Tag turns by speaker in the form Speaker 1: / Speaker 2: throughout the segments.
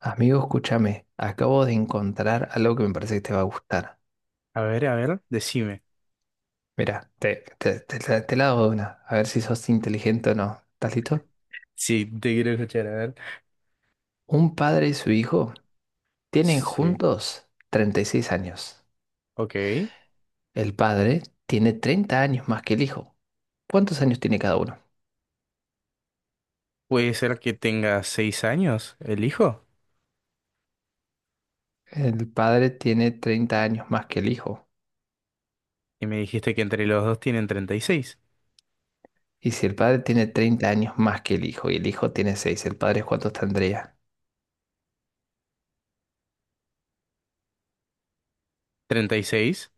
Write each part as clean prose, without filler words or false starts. Speaker 1: Amigo, escúchame, acabo de encontrar algo que me parece que te va a gustar.
Speaker 2: A ver, decime.
Speaker 1: Mira, te la hago de una, a ver si sos inteligente o no. ¿Estás listo?
Speaker 2: Sí, te quiero escuchar, a ver.
Speaker 1: Un padre y su hijo tienen
Speaker 2: Sí,
Speaker 1: juntos 36 años.
Speaker 2: ok.
Speaker 1: El padre tiene 30 años más que el hijo. ¿Cuántos años tiene cada uno?
Speaker 2: Puede ser que tenga seis años el hijo.
Speaker 1: El padre tiene 30 años más que el hijo.
Speaker 2: Y me dijiste que entre los dos tienen treinta y seis,
Speaker 1: Y si el padre tiene 30 años más que el hijo y el hijo tiene 6, ¿el padre cuántos tendría?
Speaker 2: ¿treinta y seis?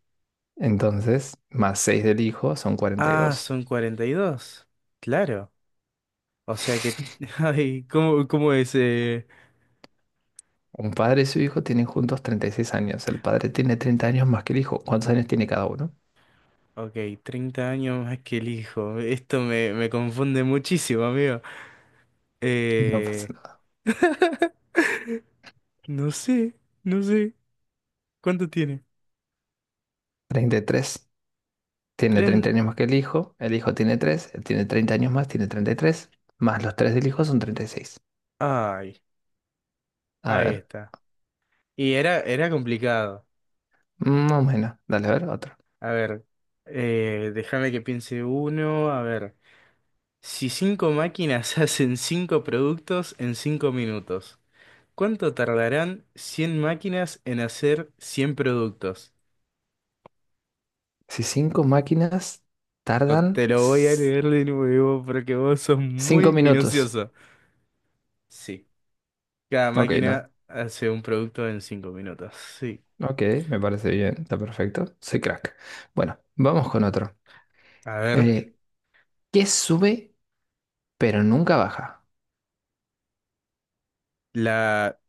Speaker 1: Entonces, más 6 del hijo son
Speaker 2: Ah,
Speaker 1: 42.
Speaker 2: son cuarenta y dos. Claro. O sea que... Ay, ¿cómo es,
Speaker 1: Un padre y su hijo tienen juntos 36 años. El padre tiene 30 años más que el hijo. ¿Cuántos años tiene cada uno?
Speaker 2: Ok, 30 años más que el hijo. Esto me confunde muchísimo, amigo.
Speaker 1: No pasa
Speaker 2: Eh,
Speaker 1: nada.
Speaker 2: no sé, no sé. ¿Cuánto tiene?
Speaker 1: 33. Tiene
Speaker 2: Tren...
Speaker 1: treinta años más que el hijo. El hijo tiene tres. Él tiene 30 años más, tiene 33. Más los 3 del hijo son treinta y seis.
Speaker 2: Ay,
Speaker 1: A
Speaker 2: ahí
Speaker 1: ver,
Speaker 2: está. Y era complicado.
Speaker 1: más o menos. Dale, a ver, otro.
Speaker 2: A ver, déjame que piense uno. A ver, si cinco máquinas hacen cinco productos en cinco minutos, ¿cuánto tardarán 100 máquinas en hacer 100 productos?
Speaker 1: Si cinco máquinas
Speaker 2: No
Speaker 1: tardan
Speaker 2: te lo voy a leer de nuevo porque vos sos
Speaker 1: 5
Speaker 2: muy
Speaker 1: minutos.
Speaker 2: minucioso. Sí, cada
Speaker 1: Ok, no.
Speaker 2: máquina hace un producto en cinco minutos. Sí.
Speaker 1: Ok, me parece bien. Está perfecto. Soy crack. Bueno, vamos con otro.
Speaker 2: A ver,
Speaker 1: Eh, ¿Qué sube pero nunca baja?
Speaker 2: la,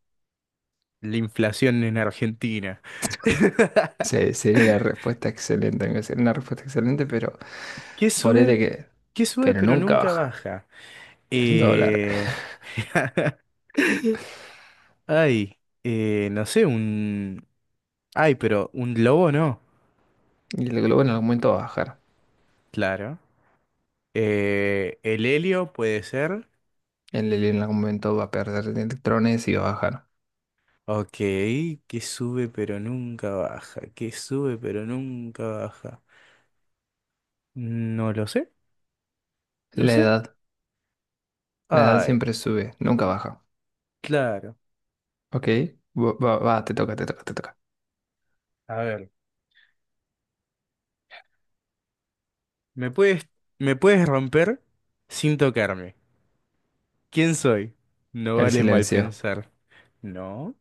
Speaker 2: la inflación en Argentina.
Speaker 1: Sería una respuesta excelente, aunque sería una respuesta excelente, pero
Speaker 2: ¿Qué sube?
Speaker 1: ponele que,
Speaker 2: ¿Qué sube
Speaker 1: pero
Speaker 2: pero
Speaker 1: nunca
Speaker 2: nunca
Speaker 1: baja
Speaker 2: baja?
Speaker 1: el dólar.
Speaker 2: Eh, ay, no sé, un... Ay, pero un lobo no,
Speaker 1: Y el globo en algún momento va a bajar.
Speaker 2: claro. El helio puede ser.
Speaker 1: El helio en algún momento va a perder electrones y va a bajar.
Speaker 2: Ok, que sube pero nunca baja. No lo sé, no
Speaker 1: La
Speaker 2: sé.
Speaker 1: edad, la edad
Speaker 2: Ay,
Speaker 1: siempre sube, nunca baja.
Speaker 2: claro.
Speaker 1: ¿Ok? Va, te toca, te toca, te toca.
Speaker 2: A ver, me puedes, me puedes romper sin tocarme. ¿Quién soy? No
Speaker 1: El
Speaker 2: vale mal
Speaker 1: silencio.
Speaker 2: pensar. No.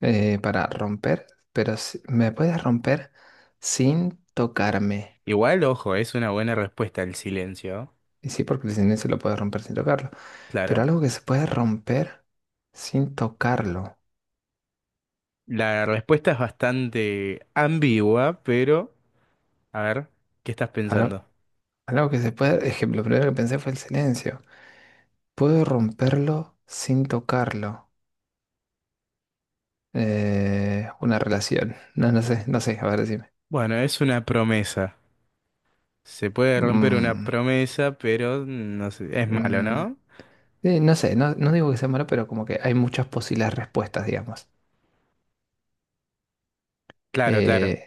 Speaker 1: Para romper, pero me puedes romper sin tocarme.
Speaker 2: Igual, ojo, es una buena respuesta el silencio,
Speaker 1: Y sí, porque el silencio lo puedes romper sin tocarlo. Pero
Speaker 2: claro.
Speaker 1: algo que se puede romper sin tocarlo.
Speaker 2: La respuesta es bastante ambigua, pero a ver, ¿qué estás
Speaker 1: Algo,
Speaker 2: pensando?
Speaker 1: algo que se puede, ejemplo, lo primero que pensé fue el silencio. Puedo romperlo sin tocarlo. Una relación. No, no sé, no sé, a ver, decime.
Speaker 2: Bueno, es una promesa. Se puede romper una
Speaker 1: Mm,
Speaker 2: promesa, pero no sé, es malo,
Speaker 1: mm,
Speaker 2: ¿no?
Speaker 1: no sé, no, no digo que sea malo, pero como que hay muchas posibles respuestas, digamos.
Speaker 2: Claro, claro.
Speaker 1: Eh,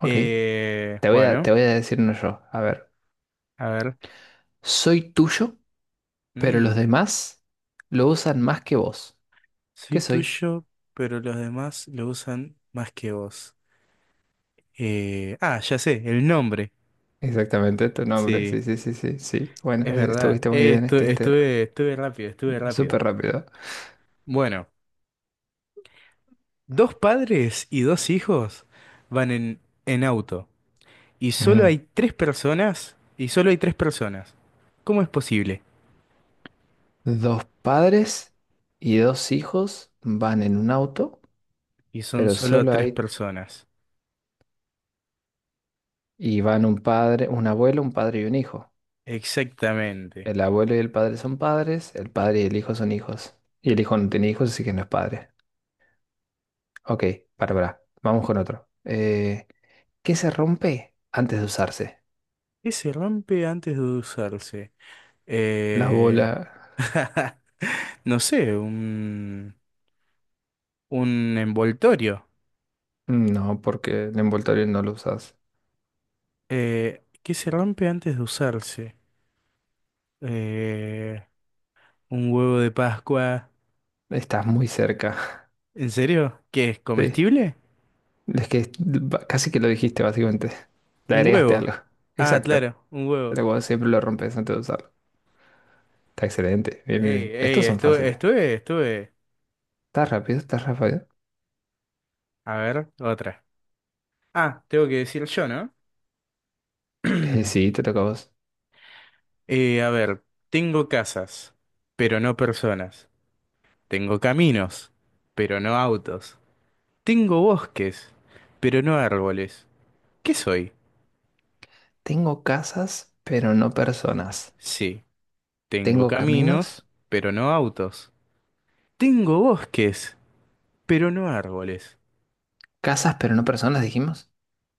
Speaker 1: ok, te voy a,
Speaker 2: Bueno,
Speaker 1: te voy a decir uno yo. A ver,
Speaker 2: a ver.
Speaker 1: soy tuyo, pero los
Speaker 2: Mm,
Speaker 1: demás lo usan más que vos. ¿Qué
Speaker 2: soy
Speaker 1: soy?
Speaker 2: tuyo, pero los demás lo usan más que vos. Ya sé, el nombre.
Speaker 1: Exactamente, tu nombre.
Speaker 2: Sí,
Speaker 1: Sí, sí, sí, sí, sí. Bueno,
Speaker 2: es verdad.
Speaker 1: estuviste muy bien, estuviste
Speaker 2: Estuve, estuve rápido.
Speaker 1: súper rápido.
Speaker 2: Bueno. Dos padres y dos hijos van en auto y
Speaker 1: Ujú.
Speaker 2: solo hay tres personas. ¿Cómo es posible?
Speaker 1: Dos padres y dos hijos van en un auto,
Speaker 2: Y son
Speaker 1: pero
Speaker 2: solo
Speaker 1: solo
Speaker 2: tres
Speaker 1: hay...
Speaker 2: personas.
Speaker 1: Y van un padre, un abuelo, un padre y un hijo.
Speaker 2: Exactamente.
Speaker 1: El abuelo y el padre son padres, el padre y el hijo son hijos. Y el hijo no tiene hijos, así que no es padre. Ok, para, para. Vamos con otro. ¿Qué se rompe antes de usarse?
Speaker 2: ¿Qué se rompe antes de usarse?
Speaker 1: La bola.
Speaker 2: Eh... No sé, un envoltorio.
Speaker 1: No, porque el envoltorio no lo usas.
Speaker 2: ¿Qué se rompe antes de usarse? Eh, un huevo de Pascua.
Speaker 1: Estás muy cerca.
Speaker 2: ¿En serio? ¿Qué es
Speaker 1: Sí.
Speaker 2: comestible?
Speaker 1: Es que casi que lo dijiste, básicamente. Le
Speaker 2: Un
Speaker 1: agregaste
Speaker 2: huevo.
Speaker 1: algo.
Speaker 2: Ah,
Speaker 1: Exacto.
Speaker 2: claro, un huevo.
Speaker 1: Pero vos siempre lo rompes antes de usarlo. Está excelente. Bien, bien,
Speaker 2: Ey,
Speaker 1: bien.
Speaker 2: ey,
Speaker 1: Estos son fáciles.
Speaker 2: estuve.
Speaker 1: ¿Estás rápido? ¿Estás rápido?
Speaker 2: A ver, otra. Ah, tengo que decir yo, ¿no?
Speaker 1: Sí, te toca a vos.
Speaker 2: A ver, tengo casas, pero no personas. Tengo caminos, pero no autos. Tengo bosques, pero no árboles. ¿Qué soy?
Speaker 1: Tengo casas, pero no personas.
Speaker 2: Sí, tengo
Speaker 1: Tengo caminos.
Speaker 2: caminos, pero no autos. Tengo bosques, pero no árboles.
Speaker 1: Casas, pero no personas, dijimos.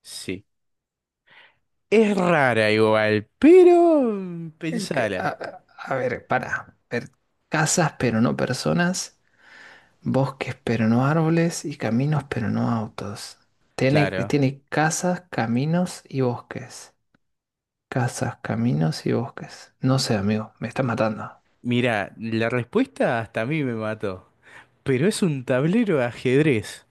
Speaker 2: Sí. Es rara igual, pero mm,
Speaker 1: Eh, ca- A,
Speaker 2: pensala.
Speaker 1: a- a ver, para. A ver. Casas, pero no personas. Bosques, pero no árboles. Y caminos, pero no autos. Tiene,
Speaker 2: Claro.
Speaker 1: tiene casas, caminos y bosques. Casas, caminos y bosques. No sé, amigo, me está matando.
Speaker 2: Mira, la respuesta hasta a mí me mató. Pero es un tablero de ajedrez.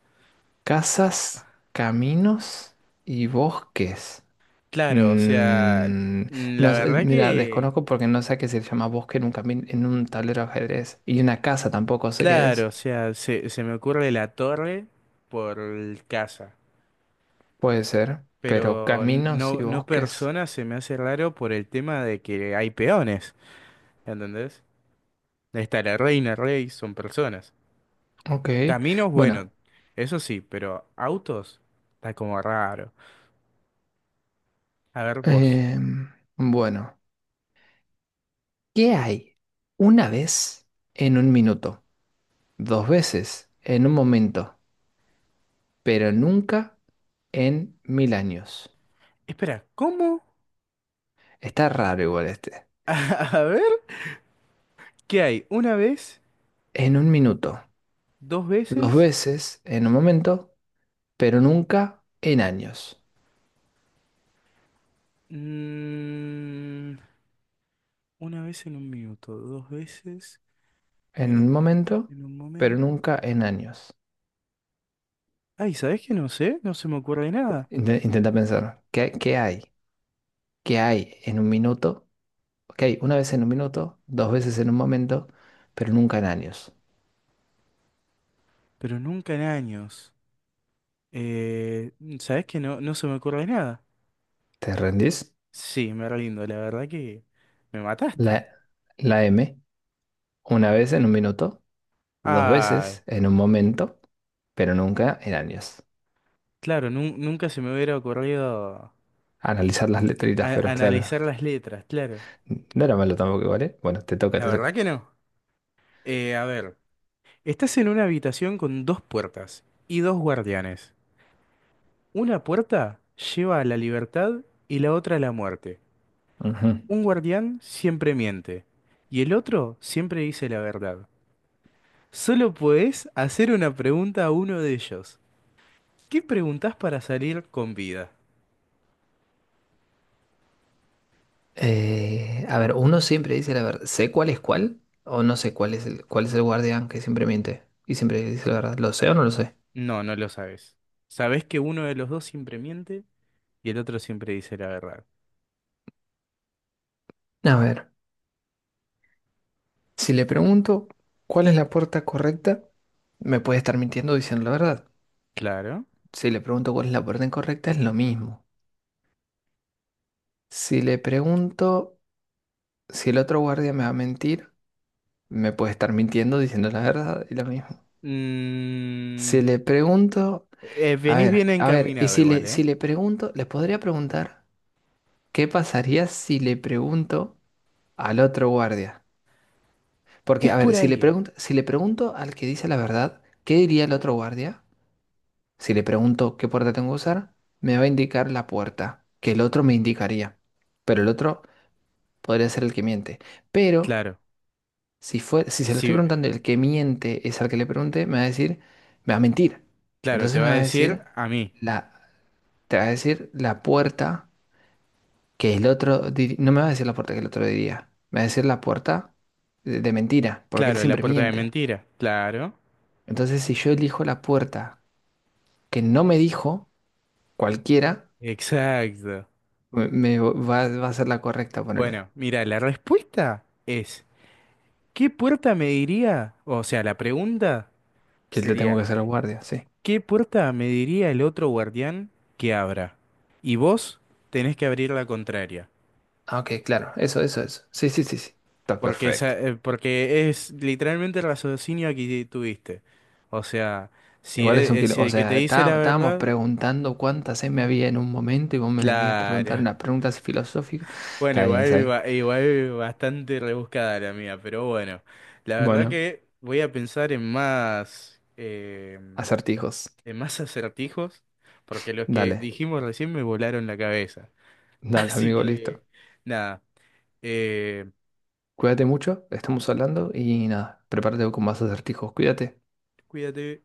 Speaker 1: Casas, caminos y bosques.
Speaker 2: Claro, o sea,
Speaker 1: Mm,
Speaker 2: la
Speaker 1: no sé,
Speaker 2: verdad
Speaker 1: mira,
Speaker 2: que...
Speaker 1: desconozco porque no sé a qué se llama bosque en un en un tablero de ajedrez. Y una casa tampoco sé qué
Speaker 2: Claro,
Speaker 1: es.
Speaker 2: o sea, se me ocurre la torre por casa.
Speaker 1: Puede ser, pero
Speaker 2: Pero
Speaker 1: caminos y
Speaker 2: no, no
Speaker 1: bosques.
Speaker 2: persona se me hace raro por el tema de que hay peones. ¿Entendés? Ahí está la reina, rey, son personas.
Speaker 1: Ok.
Speaker 2: Caminos, bueno,
Speaker 1: Bueno,
Speaker 2: eso sí, pero autos está como raro. A ver, vos.
Speaker 1: em, bueno. ¿Qué hay? Una vez en un minuto, dos veces en un momento, pero nunca en mil años.
Speaker 2: Espera, ¿cómo?
Speaker 1: Está raro igual este.
Speaker 2: A ver, ¿qué hay? ¿Una vez?
Speaker 1: En un minuto.
Speaker 2: ¿Dos
Speaker 1: Dos
Speaker 2: veces?
Speaker 1: veces en un momento, pero nunca en años.
Speaker 2: Mm, una vez en un minuto, dos veces
Speaker 1: En
Speaker 2: eh,
Speaker 1: un momento,
Speaker 2: en un
Speaker 1: pero
Speaker 2: momento.
Speaker 1: nunca en años.
Speaker 2: Ay, ¿sabes qué? No sé, no se me ocurre nada.
Speaker 1: Intenta pensar, ¿qué, qué hay? ¿Qué hay en un minuto? Ok, una vez en un minuto, dos veces en un momento, pero nunca en años.
Speaker 2: Pero nunca en años. Eh, ¿Sabés qué? No, no se me ocurre nada.
Speaker 1: ¿Te rendís?
Speaker 2: Sí, me rindo, la verdad que me mataste.
Speaker 1: La, la M, una vez en un minuto, dos
Speaker 2: Ay,
Speaker 1: veces en un momento, pero nunca en años.
Speaker 2: claro, nunca se me hubiera ocurrido
Speaker 1: Analizar las letritas, pero claro.
Speaker 2: analizar las letras, claro.
Speaker 1: No era malo tampoco, ¿vale? Bueno, te toca,
Speaker 2: La
Speaker 1: te
Speaker 2: verdad
Speaker 1: toca.
Speaker 2: que no. A ver. Estás en una habitación con dos puertas y dos guardianes. Una puerta lleva a la libertad y la otra a la muerte.
Speaker 1: Ujú.
Speaker 2: Un guardián siempre miente y el otro siempre dice la verdad. Solo podés hacer una pregunta a uno de ellos. ¿Qué preguntás para salir con vida?
Speaker 1: A ver, uno siempre dice la verdad. ¿Sé cuál es cuál? ¿O no sé cuál es el guardián que siempre miente? Y siempre dice la verdad. ¿Lo sé o no lo sé?
Speaker 2: No, no lo sabes. Sabés que uno de los dos siempre miente y el otro siempre dice la verdad.
Speaker 1: A ver, si le pregunto cuál es la puerta correcta, me puede estar mintiendo diciendo la verdad.
Speaker 2: Claro.
Speaker 1: Si le pregunto cuál es la puerta incorrecta, es lo mismo. Si le pregunto si el otro guardia me va a mentir, me puede estar mintiendo diciendo la verdad y lo mismo.
Speaker 2: Mm,
Speaker 1: Si le pregunto a
Speaker 2: venís
Speaker 1: ver,
Speaker 2: bien
Speaker 1: a ver, y
Speaker 2: encaminado
Speaker 1: si
Speaker 2: igual,
Speaker 1: le, si
Speaker 2: ¿eh?
Speaker 1: le pregunto, les podría preguntar, ¿qué pasaría si le pregunto al otro guardia?
Speaker 2: Es
Speaker 1: Porque, a
Speaker 2: por
Speaker 1: ver, si le
Speaker 2: ahí.
Speaker 1: pregunto, si le pregunto al que dice la verdad, ¿qué diría el otro guardia? Si le pregunto qué puerta tengo que usar, me va a indicar la puerta, que el otro me indicaría. Pero el otro podría ser el que miente. Pero
Speaker 2: Claro.
Speaker 1: si fue, si se lo estoy
Speaker 2: Sí,
Speaker 1: preguntando, el que miente es al que le pregunte, me va a decir, me va a mentir.
Speaker 2: claro, te
Speaker 1: Entonces
Speaker 2: va
Speaker 1: me
Speaker 2: a
Speaker 1: va a
Speaker 2: decir
Speaker 1: decir
Speaker 2: a mí.
Speaker 1: la, te va a decir la puerta, que el otro, no me va a decir la puerta que el otro diría, me va a decir la puerta de mentira, porque él
Speaker 2: Claro, la
Speaker 1: siempre
Speaker 2: puerta de
Speaker 1: miente.
Speaker 2: mentira. Claro.
Speaker 1: Entonces, si yo elijo la puerta que no me dijo cualquiera,
Speaker 2: Exacto.
Speaker 1: me va a ser la correcta, ponerle,
Speaker 2: Bueno, mira, la respuesta es, ¿qué puerta me diría? O sea, la pregunta
Speaker 1: que le tengo
Speaker 2: sería,
Speaker 1: que hacer al guardia, sí.
Speaker 2: ¿qué puerta me diría el otro guardián que abra? Y vos tenés que abrir la contraria.
Speaker 1: Ah, ok, claro, eso, eso, eso. Sí, sí, sí, sí. Está
Speaker 2: Porque,
Speaker 1: perfecto.
Speaker 2: porque es literalmente el raciocinio que tuviste. O sea, si es,
Speaker 1: Igual es un
Speaker 2: es
Speaker 1: kilo, o
Speaker 2: el que te
Speaker 1: sea,
Speaker 2: dice la
Speaker 1: estábamos
Speaker 2: verdad,
Speaker 1: preguntando cuánta me había en un momento y vos me venías a preguntar
Speaker 2: claro.
Speaker 1: unas preguntas filosóficas.
Speaker 2: Bueno,
Speaker 1: Está bien,
Speaker 2: igual,
Speaker 1: ¿sabes?
Speaker 2: igual bastante rebuscada la mía, pero bueno, la verdad
Speaker 1: Bueno,
Speaker 2: que voy a pensar
Speaker 1: acertijos.
Speaker 2: en más acertijos, porque los que
Speaker 1: Dale,
Speaker 2: dijimos recién me volaron la cabeza.
Speaker 1: dale,
Speaker 2: Así
Speaker 1: amigo,
Speaker 2: que,
Speaker 1: listo.
Speaker 2: nada, eh,
Speaker 1: Cuídate mucho, estamos hablando y nada, prepárate con más acertijos. Cuídate.
Speaker 2: cuídate.